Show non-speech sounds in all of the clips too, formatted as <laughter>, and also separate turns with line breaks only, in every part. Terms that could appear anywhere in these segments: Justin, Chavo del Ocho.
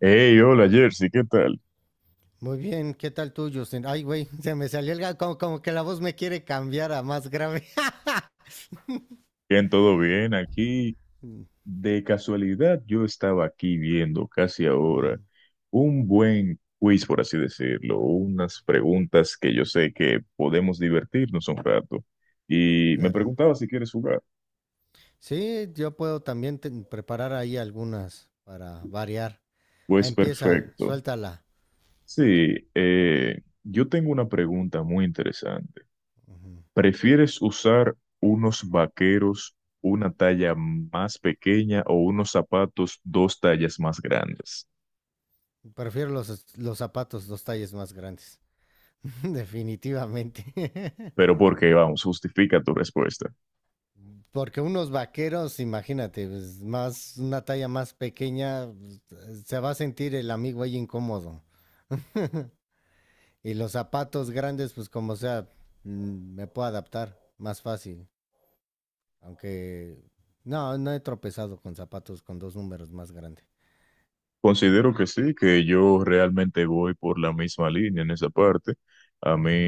Hey, hola Jersey, ¿qué tal?
Muy bien, ¿qué tal tú, Justin? Ay, güey, <laughs> se me salió el gato, como que la voz me quiere cambiar a más grave. <laughs>
¿Bien, todo bien? Aquí, de casualidad, yo estaba aquí viendo casi ahora
Mm,
un buen quiz, por así decirlo, unas preguntas que yo sé que podemos divertirnos un rato. Y me
claro.
preguntaba si quieres jugar.
Sí, yo puedo también preparar ahí algunas para variar.
Pues
Empieza,
perfecto.
suéltala.
Sí, yo tengo una pregunta muy interesante.
Ujú.
¿Prefieres usar unos vaqueros una talla más pequeña o unos zapatos dos tallas más grandes?
Prefiero los zapatos, los talles más grandes. <laughs> Definitivamente. <laughs>
Pero porque, vamos, justifica tu respuesta.
Porque unos vaqueros, imagínate, pues, más, una talla más pequeña, pues, se va a sentir el amigo ahí incómodo. <laughs> Y los zapatos grandes, pues como sea, me puedo adaptar más fácil. Aunque no he tropezado con zapatos con dos números más grandes.
Considero que sí, que yo realmente voy por la misma línea en esa parte. A mí,
Ujú.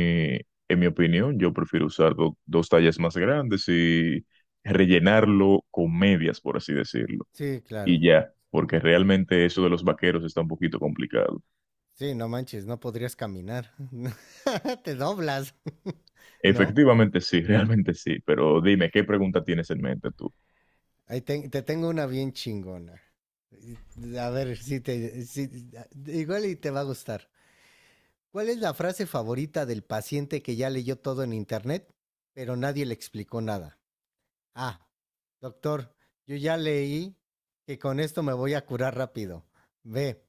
en mi opinión, yo prefiero usar dos tallas más grandes y rellenarlo con medias, por así decirlo.
Sí, claro.
Y ya, porque realmente eso de los vaqueros está un poquito complicado.
Sí, no manches, no podrías caminar. <laughs> Te doblas, <laughs> ¿no?
Efectivamente sí, <laughs> realmente sí, pero dime, ¿qué pregunta tienes en mente tú?
Ahí te tengo una bien chingona. A ver, si te, si- igual y te va a gustar. ¿Cuál es la frase favorita del paciente que ya leyó todo en internet, pero nadie le explicó nada? Ah, doctor, yo ya leí que con esto me voy a curar rápido. B,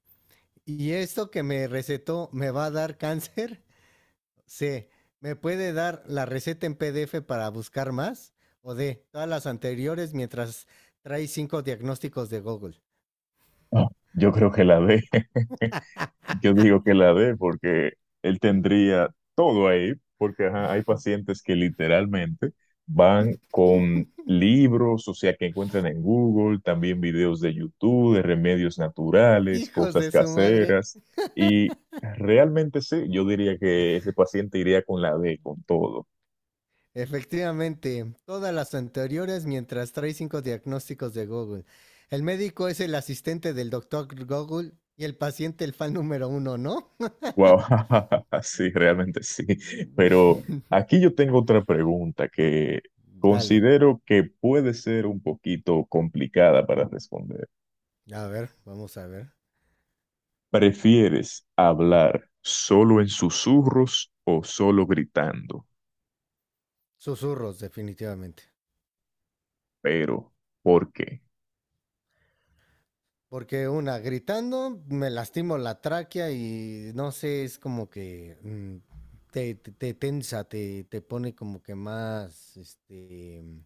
¿y esto que me recetó me va a dar cáncer? <laughs> C, ¿me puede dar la receta en PDF para buscar más? O D, todas las anteriores mientras trae cinco diagnósticos de Google.
Ah, yo creo que la de... <laughs> Yo digo que la D, porque él
Mm.
tendría todo ahí, porque ajá, hay pacientes que literalmente van con libros, o sea, que encuentran en Google, también videos de YouTube, de remedios naturales,
Hijos
cosas
de su madre.
caseras, y realmente sí, yo diría que ese paciente iría con la D, con todo.
Efectivamente, todas las anteriores mientras trae cinco diagnósticos de Google. El médico es el asistente del doctor Google y el paciente el fan número uno, ¿no?
Wow, <laughs> sí, realmente sí. Pero
<laughs>
aquí yo tengo otra pregunta que
Dale,
considero que puede ser un poquito complicada para responder.
a ver, vamos a ver.
¿Prefieres hablar solo en susurros o solo gritando?
Susurros, definitivamente.
Pero, ¿por qué?
Porque una, gritando, me lastimo la tráquea y no sé, es como que te tensa, te pone como que más este, mm,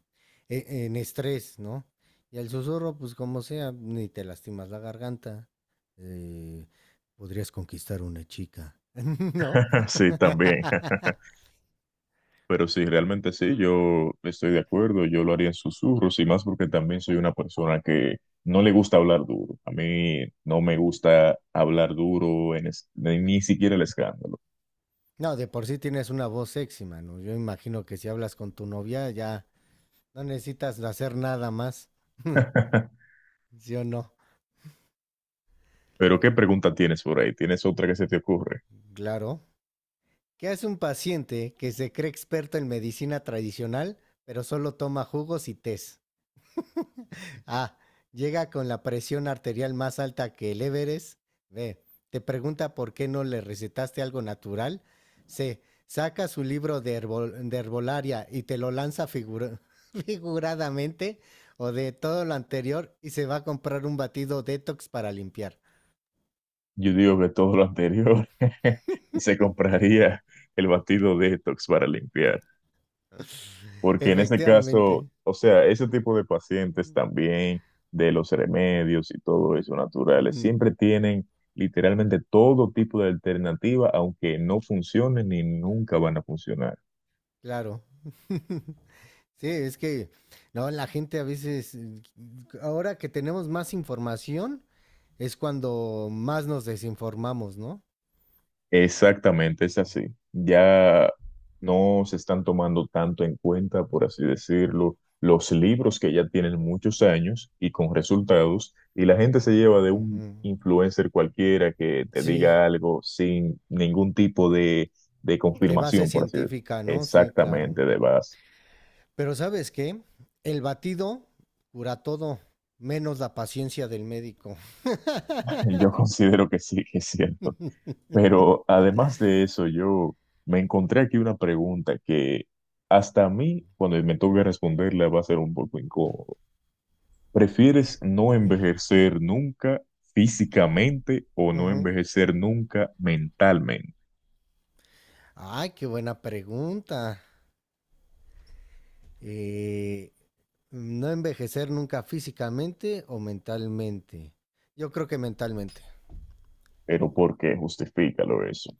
e- en estrés, ¿no? Y el susurro, pues como sea, ni te lastimas la garganta. eh, Podrías conquistar una chica, <laughs> ¿no?
<laughs> Sí, también. <laughs> Pero sí, realmente sí, yo estoy de acuerdo, yo lo haría en susurros y más porque también soy una persona que no le gusta hablar duro. A mí no me gusta hablar duro, ni siquiera el escándalo.
No, de por sí tienes una voz sexy, mano. Yo imagino que si hablas con tu novia ya no necesitas hacer nada más. <laughs>
<laughs>
¿Sí o no?
Pero ¿qué pregunta tienes por ahí? ¿Tienes otra que se te ocurre?
Claro. ¿Qué hace un paciente que se cree experto en medicina tradicional, pero solo toma jugos y tés? A. Llega con la presión arterial más alta que el Everest. B. Te pregunta por qué no le recetaste algo natural. C. Saca su libro de herbolaria y te lo lanza <laughs> figuradamente. O de todo lo anterior y se va a comprar un batido detox para limpiar.
Yo digo que todo lo anterior <laughs> y se compraría el batido detox para limpiar. Porque en ese caso,
Efectivamente.
o sea, ese
Ujú.
tipo de pacientes también, de los remedios y todo eso naturales,
Ujú.
siempre tienen literalmente todo tipo de alternativa, aunque no funcionen ni nunca van a funcionar.
Claro. <laughs> Sí, es que no, la gente a veces, ahora que tenemos más información, es cuando más nos desinformamos, ¿no?
Exactamente, es así. Ya no se están tomando tanto en cuenta, por así decirlo, los libros que ya tienen muchos años y con resultados, y la gente se lleva de un
Ujú.
influencer cualquiera que te
Sí,
diga algo sin ningún tipo de
de base
confirmación, por así decirlo.
científica, ¿no? Sí, claro.
Exactamente, de base.
Pero ¿sabes qué? El batido cura todo, menos la paciencia del médico.
<laughs> Yo considero que sí, que es cierto. Pero además de eso, yo me encontré aquí una pregunta que hasta a mí, cuando me toque responderla, va a ser un poco incómodo. ¿Prefieres no
Ujú,
envejecer nunca físicamente o no
ujú.
envejecer nunca mentalmente?
Ay, qué buena pregunta. Eh, No envejecer nunca físicamente o mentalmente. Yo creo que mentalmente.
Pero ¿por qué? Justifícalo eso.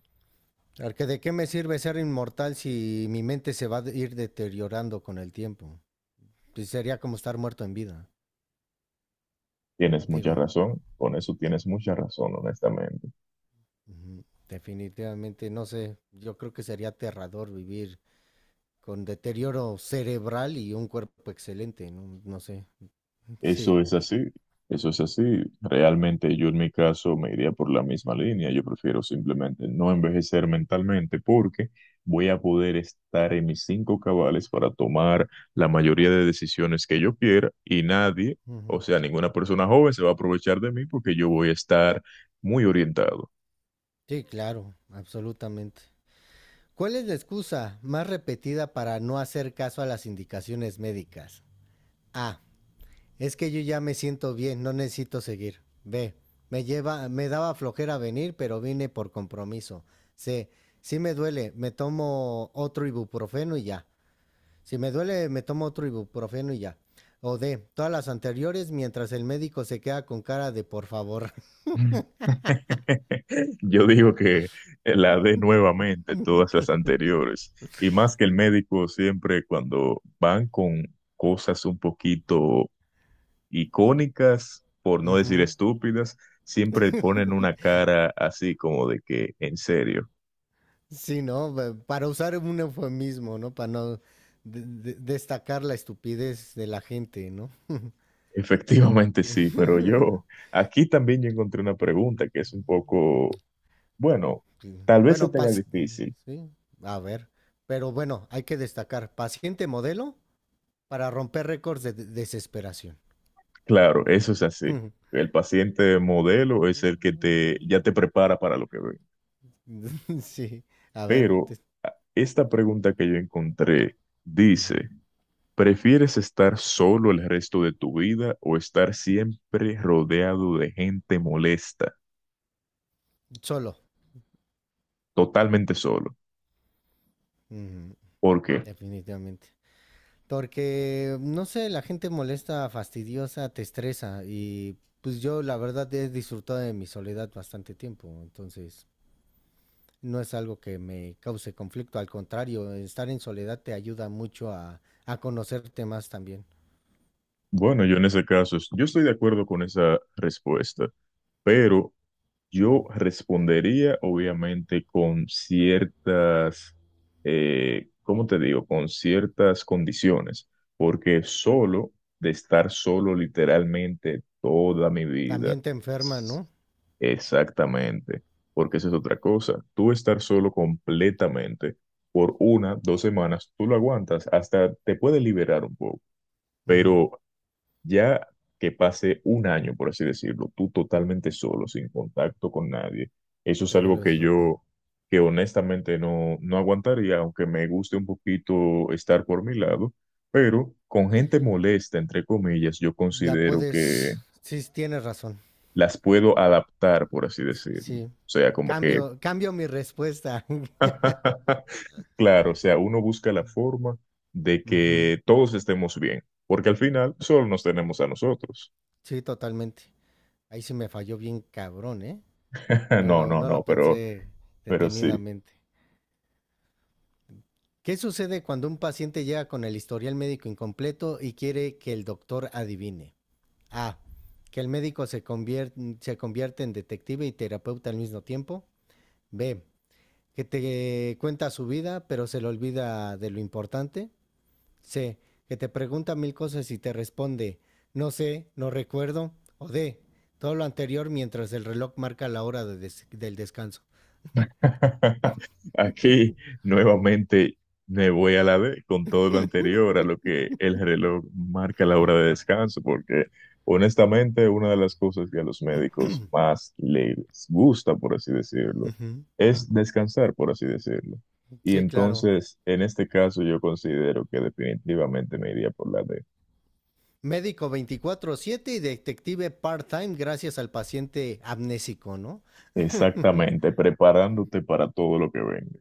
Porque de qué me sirve ser inmortal si mi mente se va a ir deteriorando con el tiempo. Pues sería como estar muerto en vida.
Tienes mucha
Digo,
razón. Con eso tienes mucha razón, honestamente.
ujú, definitivamente, no sé. Yo creo que sería aterrador vivir con deterioro cerebral y un cuerpo excelente. No, no sé.
Eso
Sí.
es así, eso es así. Realmente yo en mi caso me iría por la misma línea. Yo prefiero simplemente no envejecer mentalmente porque voy a poder estar en mis cinco cabales para tomar la mayoría de decisiones que yo quiera y nadie, o
Ujú.
sea, ninguna persona joven se va a aprovechar de mí porque yo voy a estar muy orientado.
Sí, claro, absolutamente. ¿Cuál es la excusa más repetida para no hacer caso a las indicaciones médicas? A. Es que yo ya me siento bien, no necesito seguir. B. Me lleva, me daba flojera venir, pero vine por compromiso. C. Si me duele, me tomo otro ibuprofeno y ya. Si me duele, me tomo otro ibuprofeno y ya. O D. Todas las anteriores mientras el médico se queda con cara de por favor.
<laughs> Yo digo que la dé nuevamente todas las anteriores. Y más que el médico siempre cuando van con cosas un poquito icónicas,
<laughs>
por no decir
Ujú.
estúpidas, siempre ponen una cara así como de que, en serio.
Sí, ¿no? Para usar un eufemismo, ¿no? Para no de- destacar la estupidez de la gente, ¿no?
<laughs> Efectivamente sí, pero yo
<laughs>
aquí también yo encontré una pregunta que es un poco, bueno,
Sí.
tal vez se
Bueno,
tenga difícil.
sí, a ver. Pero bueno, hay que destacar, paciente modelo para romper récords de desesperación.
Claro, eso es así.
<laughs>
El paciente modelo es el que te, ya
<laughs>
te prepara para lo que ve.
Sí, a ver.
Pero esta pregunta que yo encontré
Ujú.
dice, ¿prefieres estar solo el resto de tu vida o estar siempre rodeado de gente molesta,
Solo.
totalmente solo?
Ujú.
¿Por qué?
Definitivamente. Porque, no sé, la gente molesta, fastidiosa, te estresa y pues yo la verdad he disfrutado de mi soledad bastante tiempo, entonces no es algo que me cause conflicto, al contrario, estar en soledad te ayuda mucho a conocerte más también.
Bueno, yo en ese caso, yo estoy de acuerdo con esa respuesta, pero yo
Ujú.
respondería obviamente con ciertas, ¿cómo te digo? Con ciertas condiciones, porque solo, de estar solo literalmente toda mi vida,
También te enferma, ¿no?
exactamente, porque esa es otra cosa. Tú estar solo completamente por una, 2 semanas, tú lo aguantas, hasta te puede liberar un poco,
Ujú.
pero ya que pase 1 año, por así decirlo, tú totalmente solo, sin contacto con nadie, eso
Te
es algo
vuelves
que
loco.
yo, que honestamente no, no aguantaría, aunque me guste un poquito estar por mi lado, pero con gente molesta, entre comillas, yo
La
considero que
puedes, sí, sí, tienes razón,
las puedo adaptar, por así decirlo. O
sí.
sea, como que,
Cambio mi respuesta. <laughs>
<laughs> claro, o sea, uno busca la forma de
Ujú.
que todos estemos bien, porque al final solo nos tenemos a nosotros.
Sí, totalmente. Ahí sí me falló bien cabrón, ¿eh?
<laughs> No, no,
No
no,
lo
pero
pensé
Pero sí.
detenidamente. ¿Qué sucede cuando un paciente llega con el historial médico incompleto y quiere que el doctor adivine? A. Que el médico se convierte en detective y terapeuta al mismo tiempo. B. Que te cuenta su vida, pero se le olvida de lo importante. C. Que te pregunta mil cosas y te responde, no sé, no recuerdo. O D. Todo lo anterior mientras el reloj marca la hora del descanso.
<laughs> Aquí nuevamente me voy a la D con todo lo anterior a lo que el reloj marca la hora de descanso, porque honestamente una de las cosas que a los médicos más les gusta, por así decirlo,
Ujú.
es descansar, por así decirlo. Y
Sí, claro.
entonces, en este caso, yo considero que definitivamente me iría por la D.
Médico 24/7 y detective part-time gracias al paciente amnésico, ¿no?
Exactamente, preparándote para todo lo que venga.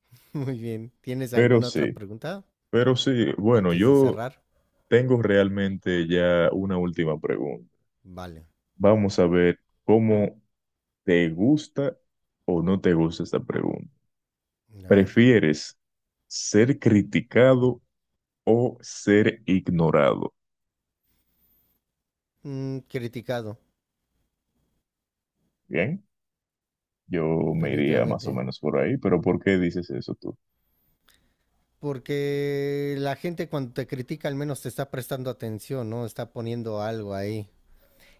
<laughs> Muy bien. ¿Tienes
Pero
alguna otra
sí,
pregunta
pero sí, bueno,
antes de
yo
cerrar?
tengo realmente ya una última pregunta.
Vale.
Vamos a ver cómo te gusta o no te gusta esta pregunta.
A ver.
¿Prefieres ser criticado o ser ignorado?
Mm, criticado,
Bien, yo me iría más o
definitivamente.
menos por ahí, pero ¿por qué dices eso tú?
Porque la gente cuando te critica al menos te está prestando atención, ¿no? Está poniendo algo ahí.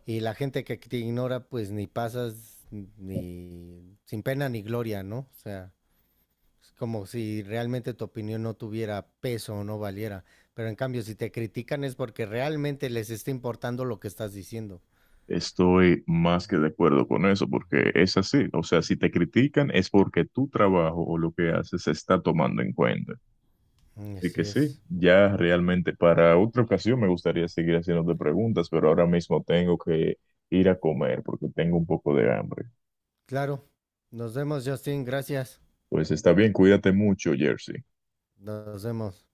Y la gente que te ignora, pues ni pasas ni sin pena ni gloria, ¿no? O sea, es como si realmente tu opinión no tuviera peso o no valiera. Pero en cambio, si te critican es porque realmente les está importando lo que estás diciendo.
Estoy más que de acuerdo con eso, porque
Ujú.
es así. O sea, si te critican es porque tu trabajo o lo que haces se está tomando en cuenta. Así que
Así
sí,
es.
ya realmente para otra ocasión me gustaría seguir haciéndote preguntas, pero ahora mismo tengo que ir a comer porque tengo un poco de hambre.
Claro. Nos vemos, Justin. Gracias.
Pues está bien, cuídate mucho, Jersey.
Nos vemos.